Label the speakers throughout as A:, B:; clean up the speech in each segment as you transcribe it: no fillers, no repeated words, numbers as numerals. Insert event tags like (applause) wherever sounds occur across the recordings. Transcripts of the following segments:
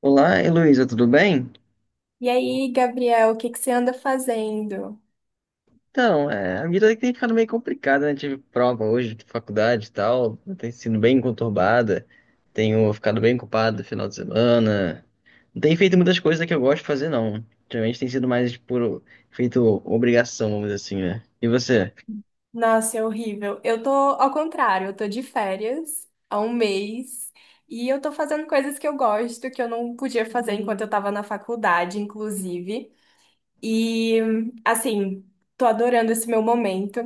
A: Olá, Heloísa, tudo bem?
B: E aí, Gabriel, o que que você anda fazendo?
A: Então, a vida tem ficado meio complicada, né? Tive prova hoje de faculdade e tal, tem sido bem conturbada, tenho ficado bem ocupado no final de semana, não tenho feito muitas coisas que eu gosto de fazer, não. Geralmente tem sido mais por feito obrigação, vamos dizer assim, né? E você?
B: Nossa, é horrível. Eu tô ao contrário, eu tô de férias há um mês e eu tô fazendo coisas que eu gosto, que eu não podia fazer enquanto eu tava na faculdade, inclusive. E assim, tô adorando esse meu momento.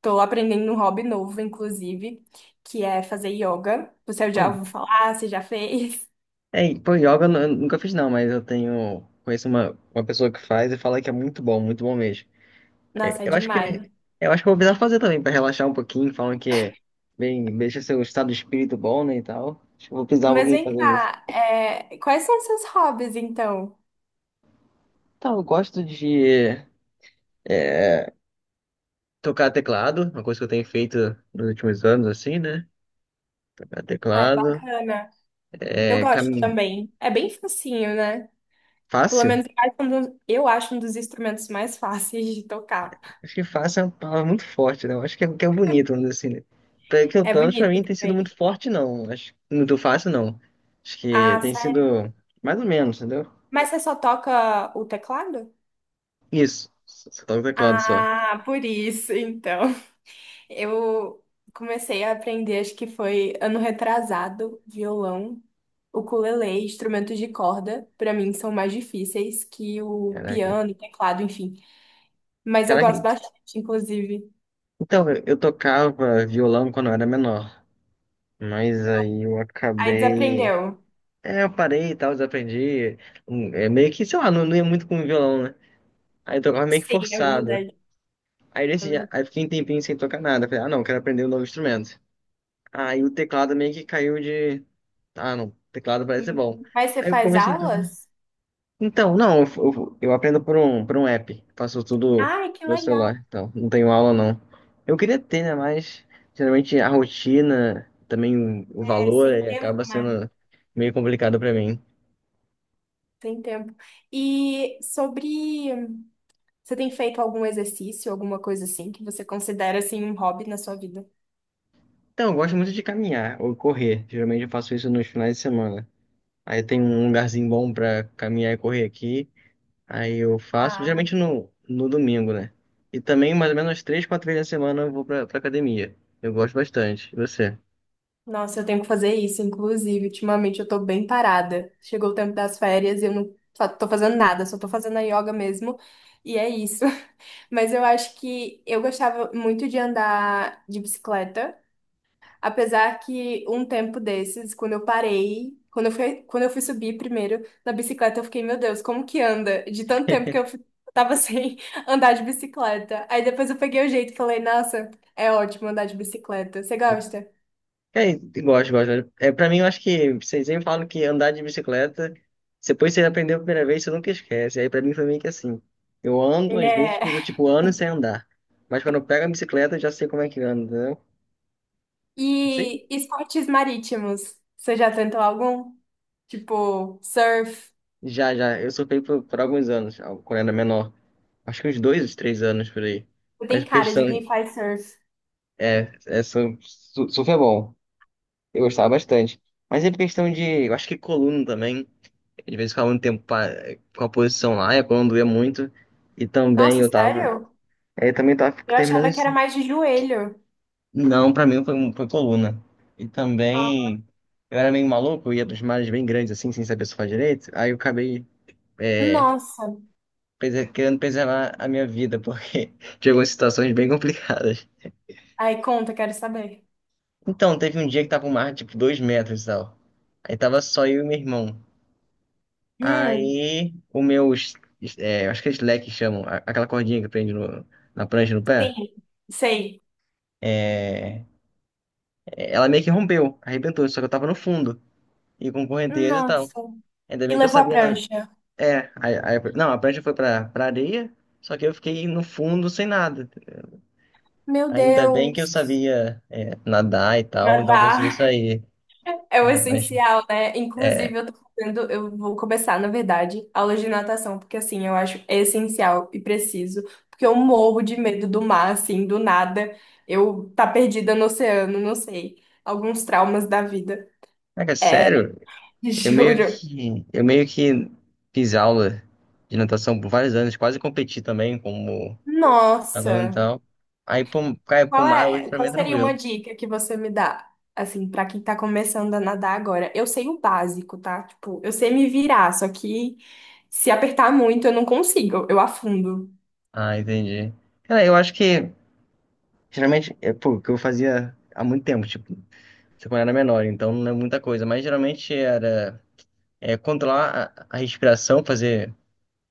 B: Tô aprendendo um hobby novo, inclusive, que é fazer yoga. Você já
A: Bom,
B: ouviu falar? Você já fez?
A: Pô, yoga eu nunca fiz não, mas eu conheço uma pessoa que faz e fala que é muito bom mesmo.
B: (laughs) Nossa, é
A: Eu acho que
B: demais.
A: eu vou precisar fazer também pra relaxar um pouquinho, falam que bem, deixa seu estado de espírito bom, né, e tal. Acho que eu vou precisar
B: Mas
A: alguém
B: vem
A: fazer isso.
B: cá, quais são os seus hobbies, então?
A: Então, eu gosto de tocar teclado, uma coisa que eu tenho feito nos últimos anos, assim, né? Tocar
B: Ah, é
A: teclado.
B: bacana. Eu
A: É
B: gosto
A: caminho
B: também. É bem facinho, né? Pelo
A: fácil?
B: menos eu acho um dos instrumentos mais (laughs) fáceis de tocar.
A: Acho que fácil é uma palavra muito forte, né? Eu acho que é bonito, vamos dizer assim, né?
B: É
A: Pelo menos pra
B: bonito
A: mim tem sido
B: também.
A: muito forte, não. Acho muito fácil, não. Acho que
B: Ah,
A: tem
B: sério?
A: sido mais ou menos, entendeu?
B: Mas você só toca o teclado?
A: Isso. Só toco teclado só.
B: Ah, por isso, então. Eu comecei a aprender, acho que foi ano retrasado, violão, ukulele, instrumentos de corda. Pra mim são mais difíceis que o
A: Caraca.
B: piano, teclado, enfim. Mas eu
A: Caraca,
B: gosto bastante, inclusive.
A: então, eu tocava violão quando eu era menor, mas aí eu
B: Aí
A: acabei.
B: desaprendeu.
A: É, eu parei e tal, desaprendi. É meio que, sei lá, não, não ia muito com o violão, né? Aí eu tocava meio que
B: Sim, é
A: forçado.
B: verdade.
A: Aí nesse dia, aí fiquei um tempinho sem tocar nada. Falei, ah, não, quero aprender um novo instrumento. Aí o teclado meio que caiu de. Ah, não, teclado parece ser
B: Hum.
A: bom.
B: Mas você
A: Aí eu
B: faz
A: comecei.
B: aulas?
A: Então, não, eu aprendo por um app. Faço tudo
B: Ai, que
A: no
B: legal.
A: celular, então não tenho aula não. Eu queria ter, né? Mas geralmente a rotina, também o
B: É
A: valor,
B: sem
A: ele
B: tempo,
A: acaba
B: né?
A: sendo meio complicado pra mim.
B: Tem tempo. E sobre. Você tem feito algum exercício, alguma coisa assim, que você considera assim um hobby na sua vida?
A: Então, eu gosto muito de caminhar ou correr. Geralmente eu faço isso nos finais de semana. Aí tem um lugarzinho bom pra caminhar e correr aqui. Aí eu faço,
B: Ah,
A: geralmente no domingo, né? E também mais ou menos três, quatro vezes na semana eu vou pra academia. Eu gosto bastante. E você?
B: nossa, eu tenho que fazer isso, inclusive. Ultimamente eu tô bem parada. Chegou o tempo das férias e eu não fa- tô fazendo nada, só tô fazendo a yoga mesmo. E é isso. (laughs) Mas eu acho que eu gostava muito de andar de bicicleta. Apesar que um tempo desses, quando eu parei, quando eu fui subir primeiro na bicicleta, eu fiquei, meu Deus, como que anda? De tanto tempo que eu fi- tava (laughs) sem andar de bicicleta. Aí depois eu peguei o jeito e falei, nossa, é ótimo andar de bicicleta. Você gosta?
A: E gosto, gosto. Pra mim, eu acho que vocês sempre falam que andar de bicicleta, depois que você aprendeu a primeira vez, você nunca esquece. Aí pra mim foi meio que assim. Eu ando, às vezes,
B: É.
A: fico tipo anos sem andar. Mas quando eu pego a bicicleta, eu já sei como é que anda, entendeu? Não sei.
B: E esportes marítimos, você já tentou algum? Tipo, surf.
A: Já, já. Eu surfei por alguns anos, quando era menor. Acho que uns dois, uns três anos por aí.
B: Você
A: Mas
B: tem
A: por
B: cara
A: questão.
B: de quem faz surf.
A: Surf é bom. Eu gostava bastante. Mas é por questão de. Eu acho que coluna também. Às vezes ficava muito tempo com a posição lá, e quando doía muito. E também
B: Nossa,
A: eu tava.
B: sério?
A: Eu também tava
B: Eu
A: terminando
B: achava que era
A: isso.
B: mais de joelho.
A: Não, pra mim foi, coluna. E
B: Ah.
A: também. Eu era meio maluco, eu ia dos mares bem grandes, assim, sem saber surfar direito. Aí eu acabei é,
B: Nossa.
A: querendo preservar a minha vida, porque (laughs) tinha algumas situações bem complicadas.
B: Aí conta, quero saber.
A: Então, teve um dia que tava um mar, tipo, 2 metros e tal. Aí tava só eu e meu irmão.
B: Hum,
A: Aí o meu, s- é, acho que é slack que chamam, aquela cordinha que prende na prancha no
B: sim,
A: pé,
B: sei.
A: ela meio que rompeu, arrebentou, só que eu tava no fundo, e com correnteza e tal.
B: Nossa.
A: Ainda
B: E
A: bem que eu
B: levou a
A: sabia nada.
B: prancha.
A: É, não, a prancha foi pra areia, só que eu fiquei no fundo sem nada.
B: Meu
A: Ainda bem que eu
B: Deus.
A: sabia, nadar e tal, então eu consegui
B: Nadar
A: sair.
B: (laughs) é o
A: Ah, mas,
B: essencial, né? Inclusive,
A: é,
B: eu tô fazendo, eu vou começar, na verdade, aula de natação, porque assim, eu acho essencial e preciso, porque eu morro de medo do mar, assim, do nada. Eu tá perdida no oceano, não sei. Alguns traumas da vida.
A: cara,
B: É,
A: sério,
B: (laughs)
A: eu meio
B: juro.
A: que, eu meio que fiz aula de natação por vários anos, quase competi também como falou
B: Nossa.
A: então. Aí, pro, cara, pro mar hoje pra mim
B: Qual
A: é
B: seria uma
A: tranquilo.
B: dica que você me dá, assim, pra quem tá começando a nadar agora? Eu sei o básico, tá? Tipo, eu sei me virar, só que se apertar muito eu não consigo, eu afundo.
A: Ah, entendi. Cara, eu acho que geralmente é pô, o que eu fazia há muito tempo, tipo, quando eu era menor, então não é muita coisa, mas geralmente era controlar a respiração, fazer.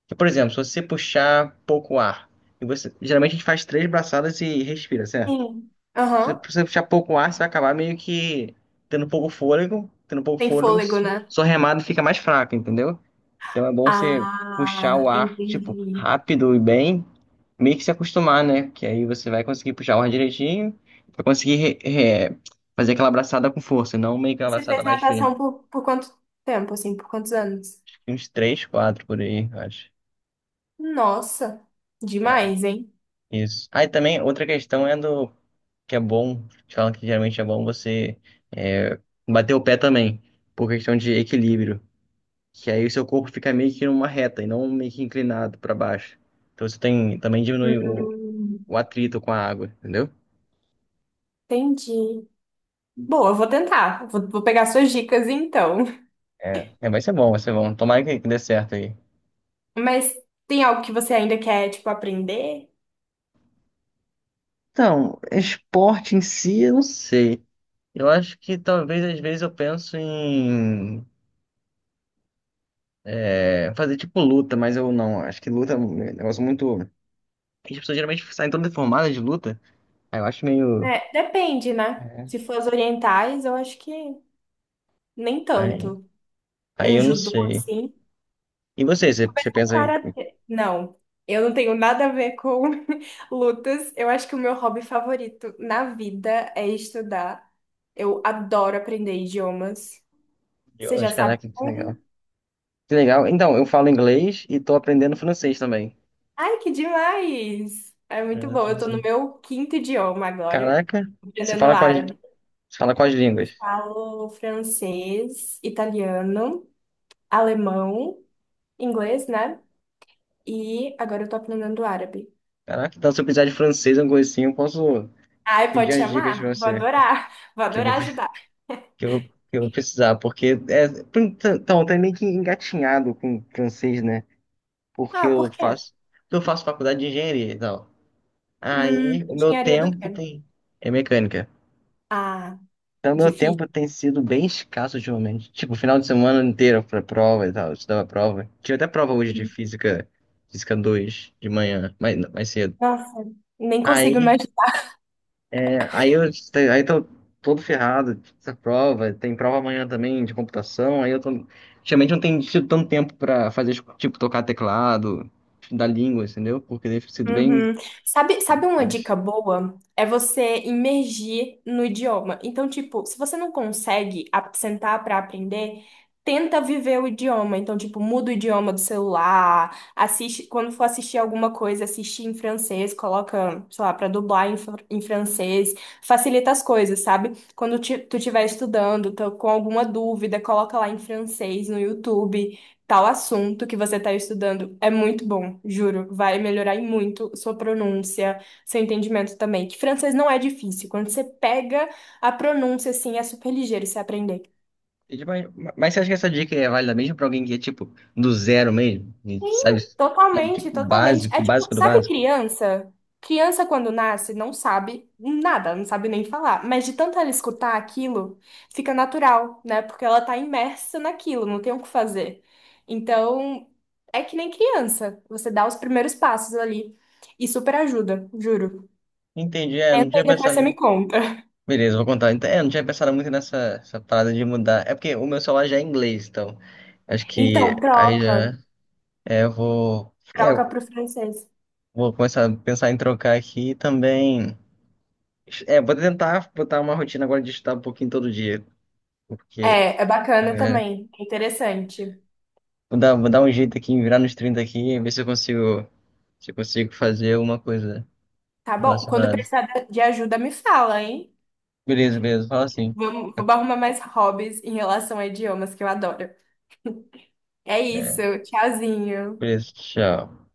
A: Por exemplo, se você puxar pouco ar, e você, geralmente a gente faz três braçadas e respira, certo?
B: Sim.
A: Se
B: Aham.
A: você puxar pouco ar, você vai acabar meio que tendo pouco fôlego, tendo pouco
B: Tem
A: fôlego,
B: fôlego, né?
A: sua remada fica mais fraca, entendeu? Então é bom você puxar
B: Ah,
A: o ar, tipo,
B: entendi.
A: rápido e bem, meio que se acostumar, né? Que aí você vai conseguir puxar o ar direitinho, vai conseguir re- fazer aquela abraçada com força, e não meio que uma
B: E você
A: abraçada
B: fez
A: mais firme.
B: natação por quanto tempo, assim, por quantos anos?
A: Uns três, quatro por aí, eu acho.
B: Nossa, demais, hein?
A: Isso. Aí também, outra questão é do que é bom, eles falam que geralmente é bom você é, bater o pé também, por questão de equilíbrio. Que aí o seu corpo fica meio que numa reta e não meio que inclinado para baixo. Então você tem, também diminui o
B: Hum,
A: o atrito com a água, entendeu?
B: entendi. Boa, eu vou tentar. Vou pegar suas dicas então.
A: É, é, vai ser bom, vai ser bom. Tomara que dê certo aí.
B: Mas tem algo que você ainda quer, tipo, aprender?
A: Então, esporte em si, eu não sei. Eu acho que talvez às vezes eu penso em fazer tipo luta, mas eu não. Acho que luta é um negócio muito. As pessoas geralmente saem todas deformadas de luta. Aí eu acho meio.
B: Né? Depende, né?
A: é,
B: Se for as orientais, eu acho que nem
A: Aí,
B: tanto.
A: aí
B: Um
A: eu não
B: judô
A: sei.
B: assim,
A: E você
B: um
A: pensa em.
B: karatê. Não, eu não tenho nada a ver com (laughs) lutas. Eu acho que o meu hobby favorito na vida é estudar. Eu adoro aprender idiomas. Você já
A: Deus,
B: sabe
A: caraca, que legal.
B: um?
A: Que legal. Então, eu falo inglês e tô aprendendo francês também.
B: Ai, que demais! É muito
A: Aprendendo
B: bom. Eu tô no
A: francês.
B: meu quinto idioma agora,
A: Caraca, você
B: aprendendo
A: fala quais,
B: árabe.
A: você fala quais
B: Eu
A: línguas?
B: falo francês, italiano, alemão, inglês, né? E agora eu tô aprendendo árabe.
A: Caraca, então se eu precisar de francês, alguma coisa assim, eu posso
B: Ai,
A: pedir
B: pode
A: as dicas
B: chamar?
A: pra
B: Vou
A: você
B: adorar. Vou
A: que eu vou,
B: adorar ajudar.
A: que eu vou precisar, porque então, tá meio que engatinhado com francês, né? Porque
B: Ah,
A: eu
B: por quê?
A: faço, eu faço faculdade de engenharia e tal. Aí o meu
B: Engenharia do quê?
A: tempo tem é mecânica.
B: Ah,
A: Então meu tempo
B: difícil.
A: tem sido bem escasso ultimamente. Tipo, final de semana inteiro pra prova e tal, eu estudava prova. Tinha até prova hoje de física, física 2 de manhã, mais cedo.
B: Nossa, nem consigo
A: Aí
B: imaginar.
A: Aí eu aí tô todo ferrado, essa prova, tem prova amanhã também de computação, aí eu tô. Geralmente não tenho tido tanto tempo pra fazer, tipo, tocar teclado, estudar língua, entendeu? Porque deve sido bem.
B: Uhum. Sabe, sabe uma dica
A: Difícil.
B: boa? É você imergir no idioma. Então, tipo, se você não consegue a- sentar para aprender, tenta viver o idioma. Então, tipo, muda o idioma do celular, assiste, quando for assistir alguma coisa, assiste em francês, coloca, sei lá, para dublar em, fr- em francês. Facilita as coisas, sabe? Quando ti- tu estiver estudando, tá com alguma dúvida, coloca lá em francês no YouTube. Tal assunto que você está estudando é muito bom, juro. Vai melhorar em muito sua pronúncia, seu entendimento também. Que francês não é difícil. Quando você pega a pronúncia, assim, é super ligeiro você aprender.
A: E, tipo, mas você acha que essa dica é válida mesmo pra alguém que é, tipo, do zero mesmo? E
B: Sim,
A: sabe,
B: totalmente,
A: tipo,
B: totalmente. É
A: o
B: tipo,
A: básico do
B: sabe
A: básico?
B: criança? Criança quando nasce não sabe nada, não sabe nem falar, mas de tanto ela escutar aquilo, fica natural, né? Porque ela tá imersa naquilo, não tem o que fazer. Então, é que nem criança, você dá os primeiros passos ali e super ajuda, juro.
A: Entendi, não
B: Tenta e
A: tinha
B: depois você me
A: pensado.
B: conta.
A: Beleza, vou contar. Então, não tinha pensado muito nessa essa parada de mudar. É porque o meu celular já é inglês, então. Acho que
B: Então,
A: aí já.
B: troca,
A: Eu vou.
B: troca
A: Eu
B: pro francês.
A: vou começar a pensar em trocar aqui e também. Vou tentar botar uma rotina agora de estudar um pouquinho todo dia. Porque
B: É, é bacana
A: é,
B: também, é interessante.
A: vou dar um jeito aqui, em virar nos 30 aqui e ver se eu consigo, se eu consigo fazer alguma coisa
B: Tá bom? Quando
A: relacionada.
B: precisar de ajuda, me fala, hein?
A: Beleza, beleza, fala assim.
B: Vamos, vou arrumar mais hobbies em relação a idiomas que eu adoro. É isso,
A: É,
B: tchauzinho.
A: beleza, tchau.